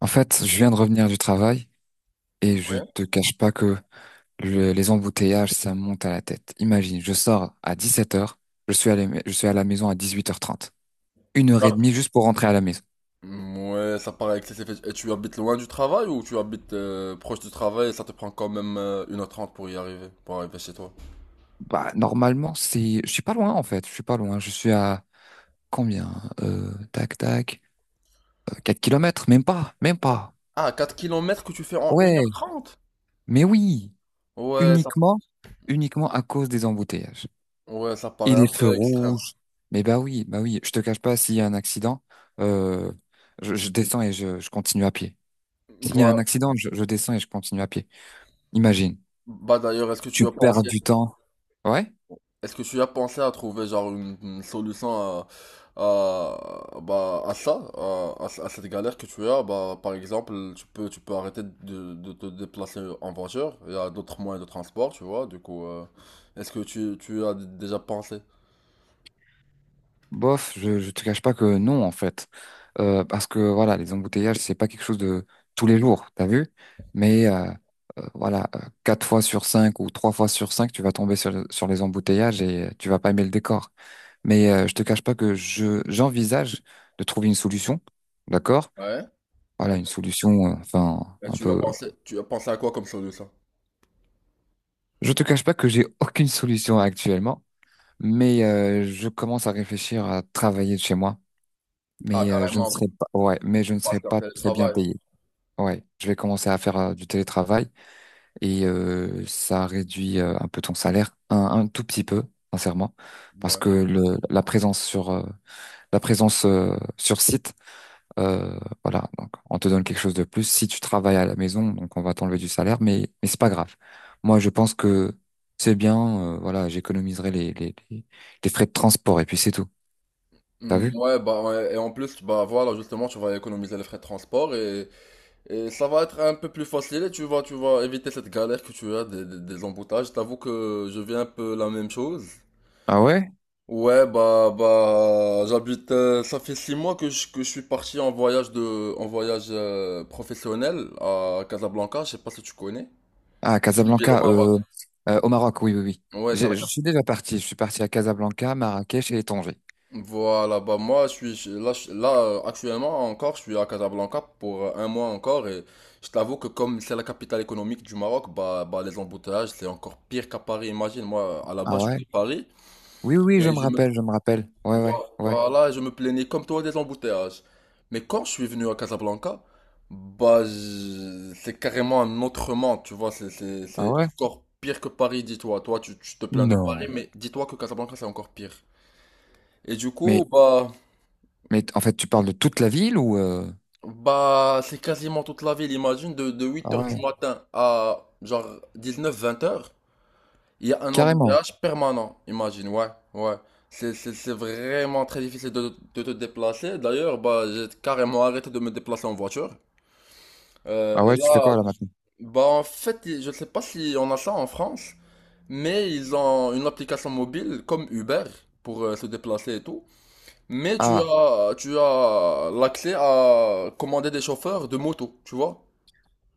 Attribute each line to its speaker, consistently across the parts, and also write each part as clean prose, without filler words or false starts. Speaker 1: En fait, je viens de revenir du travail et je
Speaker 2: Ouais.
Speaker 1: te cache pas que les embouteillages, ça me monte à la tête. Imagine, je sors à 17 heures, je suis à la maison à 18h30. Une heure et
Speaker 2: Mar-
Speaker 1: demie juste pour rentrer à la maison.
Speaker 2: Ouais, ça paraît excessif. Et tu habites loin du travail ou tu habites proche du travail et ça te prend quand même 1h30 pour y arriver, pour arriver chez toi?
Speaker 1: Bah, normalement, c'est, je suis pas loin, en fait. Je suis pas loin. Je suis à combien? Tac, tac. 4 kilomètres, même pas, même pas.
Speaker 2: Ah, 4 kilomètres que tu fais en une heure
Speaker 1: Ouais,
Speaker 2: trente.
Speaker 1: mais oui,
Speaker 2: Ouais, ça,
Speaker 1: uniquement, uniquement à cause des embouteillages.
Speaker 2: ouais, ça
Speaker 1: Et
Speaker 2: paraît
Speaker 1: les
Speaker 2: un
Speaker 1: feux
Speaker 2: peu extrême.
Speaker 1: rouges. Mais bah oui, je te cache pas, s'il y a un accident, euh, je descends et je continue à pied. S'il y a
Speaker 2: Voilà.
Speaker 1: un accident, je descends et je continue à pied. Imagine,
Speaker 2: Bah d'ailleurs,
Speaker 1: tu perds du temps. Ouais,
Speaker 2: est-ce que tu as pensé à trouver genre une solution à, à ça, à cette galère que tu as? Bah, par exemple, tu peux arrêter de te déplacer en voiture. Il y a d'autres moyens de transport, tu vois. Du coup, est-ce que tu as déjà pensé?
Speaker 1: bof, je te cache pas que non, en fait. Parce que voilà, les embouteillages, c'est pas quelque chose de tous les jours, t'as vu? Mais voilà, quatre fois sur cinq ou trois fois sur cinq, tu vas tomber sur les embouteillages et tu vas pas aimer le décor. Mais je te cache pas que je j'envisage de trouver une solution, d'accord?
Speaker 2: Ouais.
Speaker 1: Voilà,
Speaker 2: Ouais.
Speaker 1: une solution, enfin,
Speaker 2: Et
Speaker 1: un peu.
Speaker 2: tu as pensé à quoi comme solution?
Speaker 1: Je te cache pas que j'ai aucune solution actuellement, mais je commence à réfléchir à travailler de chez moi.
Speaker 2: Ah,
Speaker 1: Mais je ne
Speaker 2: carrément,
Speaker 1: serai pas, ouais, mais je ne
Speaker 2: parce
Speaker 1: serai
Speaker 2: qu'en
Speaker 1: pas très bien
Speaker 2: télétravail.
Speaker 1: payé. Ouais, je vais commencer à faire du télétravail et ça réduit un peu ton salaire, un tout petit peu, sincèrement, parce
Speaker 2: Ouais.
Speaker 1: que la présence sur site. Euh, voilà, donc on te donne quelque chose de plus. Si tu travailles à la maison, donc on va t'enlever du salaire, mais c'est pas grave. Moi, je pense que c'est bien. Voilà, j'économiserai les frais de transport et puis c'est tout. T'as
Speaker 2: Mm,
Speaker 1: vu?
Speaker 2: ouais, bah, ouais. Et en plus, bah, voilà, justement, tu vas économiser les frais de transport et ça va être un peu plus facile et tu vas éviter cette galère que tu as des emboutages. T'avoue que je vis un peu la même chose.
Speaker 1: Ah ouais?
Speaker 2: Ouais, bah, j'habite, ça fait 6 mois que je suis parti en voyage en voyage professionnel à Casablanca. Je sais pas si tu connais.
Speaker 1: Ah
Speaker 2: C'est une ville au
Speaker 1: Casablanca,
Speaker 2: Maroc.
Speaker 1: au Maroc, oui oui oui.
Speaker 2: Ouais, ça.
Speaker 1: Je suis déjà parti. Je suis parti à Casablanca, Marrakech et Tanger.
Speaker 2: Voilà, bah moi je suis là, actuellement encore, je suis à Casablanca pour un mois encore et je t'avoue que comme c'est la capitale économique du Maroc, bah, les embouteillages c'est encore pire qu'à Paris, imagine, moi à la
Speaker 1: Ah
Speaker 2: base je
Speaker 1: ouais?
Speaker 2: suis de Paris
Speaker 1: Oui oui, oui,
Speaker 2: et
Speaker 1: je me rappelle, je me rappelle. Ouais ouais ouais.
Speaker 2: je me plaignais comme toi des embouteillages. Mais quand je suis venu à Casablanca, bah c'est carrément un autre monde, tu vois, c'est c'est-
Speaker 1: Ah
Speaker 2: c'est
Speaker 1: ouais?
Speaker 2: encore pire que Paris, dis-toi. Toi tu te plains de Paris,
Speaker 1: Non.
Speaker 2: mais dis-toi que Casablanca c'est encore pire. Et du
Speaker 1: Mais
Speaker 2: coup, bah.
Speaker 1: mais en fait, tu parles de toute la ville ou.
Speaker 2: C'est quasiment toute la ville, imagine, de,
Speaker 1: Ah
Speaker 2: 8 heures
Speaker 1: ouais,
Speaker 2: du matin à genre dix neuf vingt heures, il y a un
Speaker 1: carrément.
Speaker 2: embouteillage permanent, imagine, ouais, ouais. C'est vraiment très difficile de te déplacer. D'ailleurs, bah, j'ai carrément arrêté de me déplacer en voiture.
Speaker 1: Ah
Speaker 2: Et
Speaker 1: ouais, tu fais
Speaker 2: là,
Speaker 1: quoi là maintenant?
Speaker 2: bah, en fait, je sais pas si on a ça en France, mais ils ont une application mobile comme Uber pour se déplacer et tout. Mais tu as l'accès à commander des chauffeurs de moto, tu vois?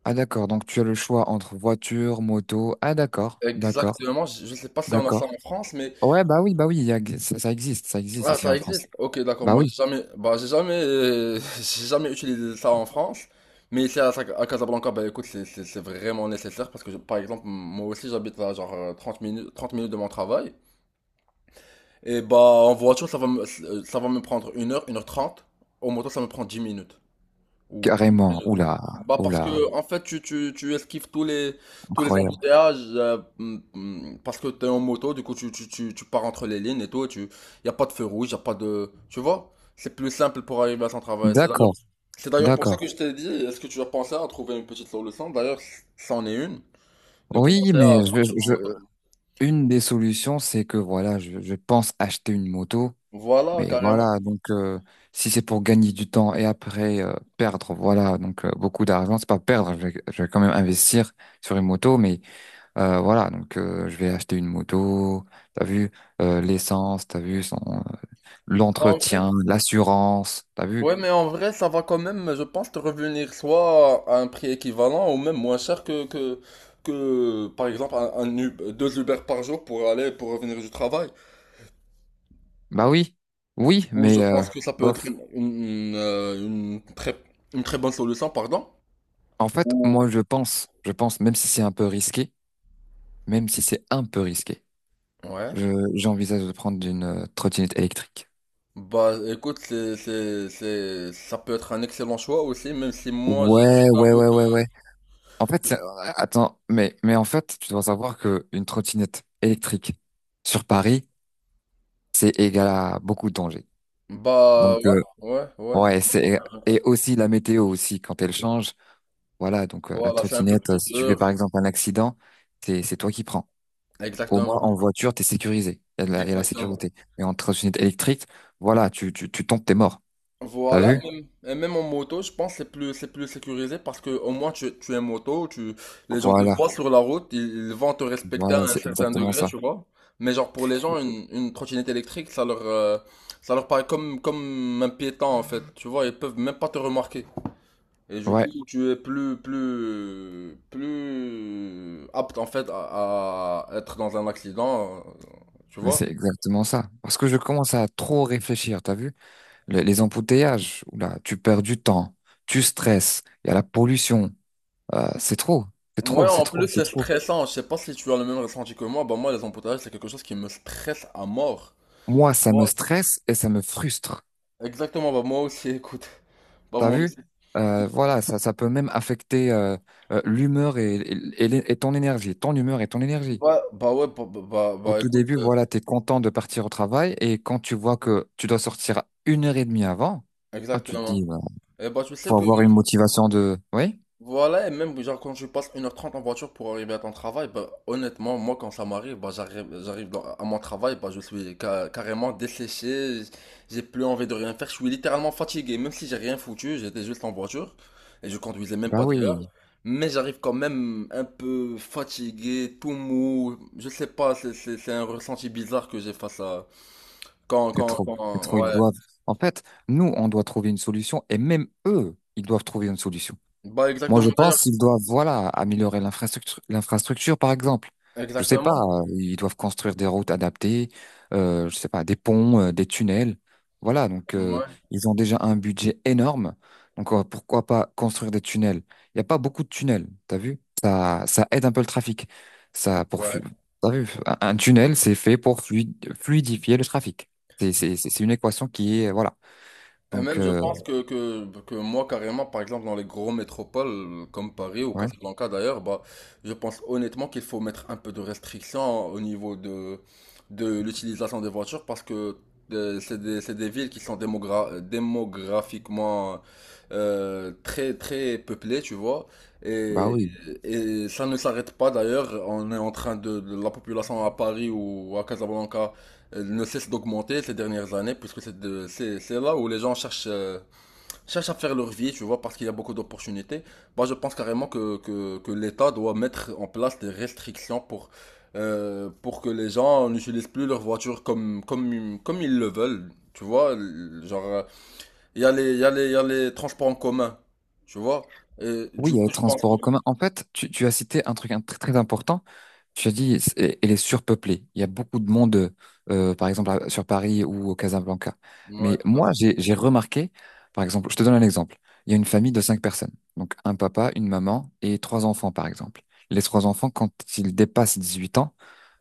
Speaker 1: Ah d'accord, donc tu as le choix entre voiture, moto. Ah d'accord, d'accord,
Speaker 2: Exactement, je sais pas si on a ça
Speaker 1: d'accord.
Speaker 2: en France, mais
Speaker 1: Ouais, bah oui, ça, ça existe
Speaker 2: ah
Speaker 1: ici en
Speaker 2: ça
Speaker 1: France.
Speaker 2: existe. OK, d'accord.
Speaker 1: Bah
Speaker 2: Moi,
Speaker 1: oui,
Speaker 2: j'ai jamais, j'ai jamais utilisé ça en France, mais ici à Casablanca, bah écoute, c'est vraiment nécessaire parce que par exemple, moi aussi j'habite à genre 30 minutes, 30 minutes de mon travail, et bah en voiture ça va me prendre une heure, 1h30. Au moto ça me prend 10 minutes. Ou-
Speaker 1: carrément. Oula,
Speaker 2: Bah parce
Speaker 1: oula,
Speaker 2: que en fait tu esquives tous les
Speaker 1: incroyable.
Speaker 2: embouteillages parce que t'es en moto du coup tu pars entre les lignes et tout et tu y a pas de feu rouge y a pas de tu vois c'est plus simple pour arriver à son travail c'est d'ailleurs
Speaker 1: D'accord,
Speaker 2: c'est d'ailleurs pour ça
Speaker 1: d'accord.
Speaker 2: que je t'ai dit est-ce que tu as pensé à trouver une petite solution d'ailleurs c'en est une de
Speaker 1: Oui,
Speaker 2: commencer à partir en moto
Speaker 1: une des solutions, c'est que voilà, je pense acheter une moto,
Speaker 2: voilà
Speaker 1: mais
Speaker 2: carrément
Speaker 1: voilà, donc si c'est pour gagner du temps et après perdre, voilà, donc beaucoup d'argent, c'est pas perdre, je vais quand même investir sur une moto, mais. Voilà, donc je vais acheter une moto, t'as vu, l'essence, t'as vu, son,
Speaker 2: en vrai
Speaker 1: l'entretien, l'assurance, t'as vu?
Speaker 2: ouais, mais en vrai, ça va quand même, je pense, te revenir soit à un prix équivalent ou même moins cher que par exemple, deux Uber par jour pour aller, pour revenir du travail.
Speaker 1: Bah oui, oui,
Speaker 2: Ou je
Speaker 1: mais
Speaker 2: pense que ça peut être
Speaker 1: bof.
Speaker 2: une très bonne solution, pardon.
Speaker 1: En fait,
Speaker 2: Ou...
Speaker 1: moi je pense, même si c'est un peu risqué, même si c'est un peu risqué,
Speaker 2: Ouais.
Speaker 1: j'envisage de prendre une trottinette électrique.
Speaker 2: Bah, écoute, ça peut être un excellent choix aussi, même si moi, je
Speaker 1: Ouais, ouais,
Speaker 2: t'avoue
Speaker 1: ouais,
Speaker 2: que...
Speaker 1: ouais, ouais. En fait, attends, mais en fait, tu dois savoir que une trottinette électrique sur Paris, c'est égal à beaucoup de dangers.
Speaker 2: Bah,
Speaker 1: Donc,
Speaker 2: ouais, ouais, ouais.
Speaker 1: ouais, c'est
Speaker 2: Que-
Speaker 1: et aussi la météo aussi quand elle change. Voilà, donc la
Speaker 2: Voilà, c'est un peu
Speaker 1: trottinette,
Speaker 2: plus
Speaker 1: si tu fais par
Speaker 2: dur.
Speaker 1: exemple un accident, c'est toi qui prends. Au
Speaker 2: Exactement.
Speaker 1: moins en voiture, t'es sécurisé. Il y a la
Speaker 2: Exactement.
Speaker 1: sécurité. Mais en trottinette électrique, voilà, tu tombes, t'es mort. T'as
Speaker 2: Voilà,
Speaker 1: vu?
Speaker 2: et même en moto, je pense que c'est plus sécurisé parce que au moins tu es moto, les gens te
Speaker 1: Voilà,
Speaker 2: voient sur la route, ils vont te respecter à
Speaker 1: voilà,
Speaker 2: un
Speaker 1: c'est
Speaker 2: certain
Speaker 1: exactement
Speaker 2: degré,
Speaker 1: ça.
Speaker 2: tu vois. Mais genre pour les gens, une trottinette électrique, ça leur paraît comme un piéton en fait, tu vois, ils peuvent même pas te remarquer. Et du coup,
Speaker 1: Ouais,
Speaker 2: tu es plus apte en fait à être dans un accident, tu
Speaker 1: mais
Speaker 2: vois.
Speaker 1: c'est exactement ça. Parce que je commence à trop réfléchir. T'as vu? Les embouteillages, là, tu perds du temps, tu stresses. Il y a la pollution. C'est trop, c'est
Speaker 2: Ouais,
Speaker 1: trop, c'est
Speaker 2: en
Speaker 1: trop,
Speaker 2: plus
Speaker 1: c'est
Speaker 2: c'est
Speaker 1: trop.
Speaker 2: stressant. Je sais pas si tu as le même ressenti que moi. Bah moi les embouteillages c'est quelque chose qui me stresse à mort.
Speaker 1: Moi, ça me stresse et ça me frustre.
Speaker 2: Exactement. Bah moi aussi. Écoute. Bah
Speaker 1: T'as
Speaker 2: moi
Speaker 1: vu?
Speaker 2: aussi.
Speaker 1: Voilà, ça peut même affecter l'humeur et ton énergie, ton humeur et ton énergie.
Speaker 2: Bah, ouais. Bah, bah, bah,
Speaker 1: Au
Speaker 2: bah,
Speaker 1: tout
Speaker 2: écoute.
Speaker 1: début, voilà, t'es content de partir au travail et quand tu vois que tu dois sortir une heure et demie avant, ah, tu te
Speaker 2: Exactement.
Speaker 1: dis, bah,
Speaker 2: Et bah tu sais
Speaker 1: faut
Speaker 2: que
Speaker 1: avoir une motivation de, oui?
Speaker 2: voilà, et même genre quand je passe 1h30 en voiture pour arriver à ton travail, bah, honnêtement, moi quand ça m'arrive, bah, j'arrive à mon travail, bah, je suis carrément desséché, j'ai plus envie de rien faire, je suis littéralement fatigué, même si j'ai rien foutu, j'étais juste en voiture et je conduisais même
Speaker 1: Bah
Speaker 2: pas d'ailleurs,
Speaker 1: oui,
Speaker 2: mais j'arrive quand même un peu fatigué, tout mou, je sais pas, c'est un ressenti bizarre que j'ai face à...
Speaker 1: c'est trop, c'est trop,
Speaker 2: Ouais.
Speaker 1: ils doivent. En fait, nous, on doit trouver une solution et même eux, ils doivent trouver une solution.
Speaker 2: Bah
Speaker 1: Moi, je
Speaker 2: exactement
Speaker 1: pense
Speaker 2: d'ailleurs,
Speaker 1: qu'ils doivent, voilà, améliorer l'infrastructure, l'infrastructure, par exemple. Je sais pas,
Speaker 2: exactement,
Speaker 1: ils doivent construire des routes adaptées, je sais pas, des ponts, des tunnels. Voilà, donc
Speaker 2: ouais,
Speaker 1: ils ont déjà un budget énorme. Donc pourquoi pas construire des tunnels? Il n'y a pas beaucoup de tunnels, t'as vu? Ça aide un peu le trafic. Ça, pour, flu-
Speaker 2: ouais.
Speaker 1: T'as vu? Un tunnel, c'est fait pour fluidifier le trafic. C'est une équation qui est, voilà.
Speaker 2: Et
Speaker 1: Donc,
Speaker 2: même, je pense que, que moi, carrément, par exemple, dans les gros métropoles comme Paris ou
Speaker 1: ouais,
Speaker 2: Casablanca d'ailleurs, bah, je pense honnêtement qu'il faut mettre un peu de restrictions au niveau de l'utilisation des voitures parce que c'est des villes qui sont démographiquement très, très peuplées, tu vois.
Speaker 1: bah
Speaker 2: Et,
Speaker 1: oui.
Speaker 2: et ça ne s'arrête pas d'ailleurs. On est en train la population à Paris ou à Casablanca elle ne cesse d'augmenter ces dernières années, puisque c'est de- c'est là où les gens cherchent à faire leur vie, tu vois, parce qu'il y a beaucoup d'opportunités. Moi, je pense carrément que l'État doit mettre en place des restrictions pour que les gens n'utilisent plus leur voiture comme ils le veulent, tu vois. Genre, il y a les, il y a les, il y a les transports en commun, tu vois. Et
Speaker 1: Oui,
Speaker 2: du
Speaker 1: il y a les
Speaker 2: coup, je pense
Speaker 1: transports
Speaker 2: que...
Speaker 1: en commun. En fait, tu as cité un truc très très important. Tu as dit, elle est surpeuplée. Il y a beaucoup de monde, par exemple, sur Paris ou au Casablanca.
Speaker 2: Ouais,
Speaker 1: Mais
Speaker 2: tout à
Speaker 1: moi,
Speaker 2: fait.
Speaker 1: j'ai remarqué, par exemple, je te donne un exemple. Il y a une famille de cinq personnes. Donc, un papa, une maman et trois enfants, par exemple. Les trois enfants, quand ils dépassent 18 ans,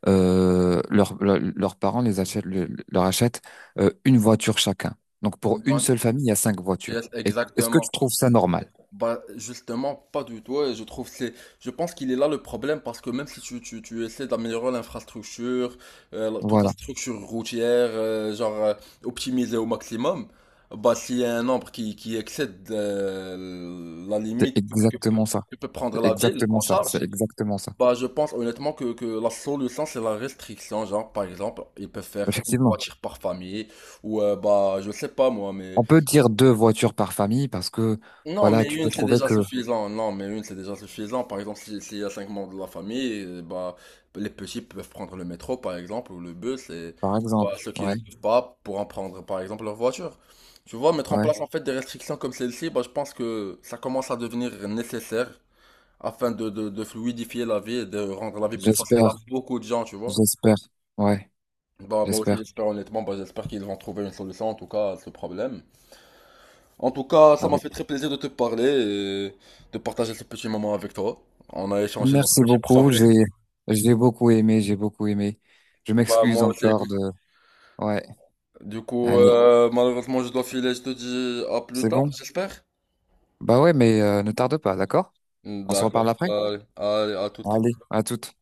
Speaker 1: leurs parents les achètent, leur achètent une voiture chacun. Donc, pour une
Speaker 2: Ouais,
Speaker 1: seule famille, il y a cinq voitures.
Speaker 2: yes,
Speaker 1: Est-ce que
Speaker 2: exactement.
Speaker 1: tu trouves ça normal?
Speaker 2: Bah, justement, pas du tout. Et je trouve je pense qu'il est là le problème parce que même si tu essaies d'améliorer l'infrastructure, toute la
Speaker 1: Voilà.
Speaker 2: structure routière, genre optimiser au maximum, bah, s'il y a un nombre qui excède la
Speaker 1: C'est
Speaker 2: limite que, que peut,
Speaker 1: exactement ça.
Speaker 2: que peut prendre
Speaker 1: C'est
Speaker 2: la ville
Speaker 1: exactement
Speaker 2: en
Speaker 1: ça.
Speaker 2: charge,
Speaker 1: C'est exactement ça.
Speaker 2: bah, je pense honnêtement que la solution c'est la restriction. Genre, par exemple, ils peuvent faire une
Speaker 1: Effectivement.
Speaker 2: voiture par famille ou, bah, je sais pas moi, mais.
Speaker 1: On peut dire deux voitures par famille parce que,
Speaker 2: Non,
Speaker 1: voilà,
Speaker 2: mais
Speaker 1: tu
Speaker 2: une,
Speaker 1: peux
Speaker 2: c'est
Speaker 1: trouver
Speaker 2: déjà
Speaker 1: que,
Speaker 2: suffisant. Non, mais une, c'est déjà suffisant. Par exemple, s'il y a cinq membres de la famille, bah, les petits peuvent prendre le métro, par exemple, ou le bus, et
Speaker 1: par
Speaker 2: bah,
Speaker 1: exemple,
Speaker 2: ceux qui
Speaker 1: ouais,
Speaker 2: ne peuvent pas pourront prendre, par exemple, leur voiture. Tu vois, mettre en
Speaker 1: ouais,
Speaker 2: place, en fait, des restrictions comme celle-ci, bah, je pense que ça commence à devenir nécessaire afin de fluidifier la vie et de rendre la vie plus facile à
Speaker 1: j'espère,
Speaker 2: beaucoup de gens, tu vois.
Speaker 1: j'espère, ouais,
Speaker 2: Bah, moi aussi,
Speaker 1: j'espère.
Speaker 2: j'espère, honnêtement, bah, j'espère qu'ils vont trouver une solution, en tout cas, à ce problème. En tout cas, ça
Speaker 1: Bah
Speaker 2: m'a
Speaker 1: oui.
Speaker 2: fait très plaisir de te parler et de partager ce petit moment avec toi. On a échangé nos
Speaker 1: Merci
Speaker 2: petits
Speaker 1: beaucoup.
Speaker 2: problèmes.
Speaker 1: J'ai beaucoup aimé, j'ai beaucoup aimé. Je
Speaker 2: Bah
Speaker 1: m'excuse
Speaker 2: moi aussi,
Speaker 1: encore
Speaker 2: écoute.
Speaker 1: de, ouais,
Speaker 2: Du coup,
Speaker 1: allez,
Speaker 2: malheureusement, je dois filer. Je te dis à plus
Speaker 1: c'est
Speaker 2: tard,
Speaker 1: bon?
Speaker 2: j'espère.
Speaker 1: Bah ouais, mais ne tarde pas, d'accord? On se
Speaker 2: D'accord.
Speaker 1: reparle après?
Speaker 2: Allez, allez, à toute.
Speaker 1: Allez, à toute.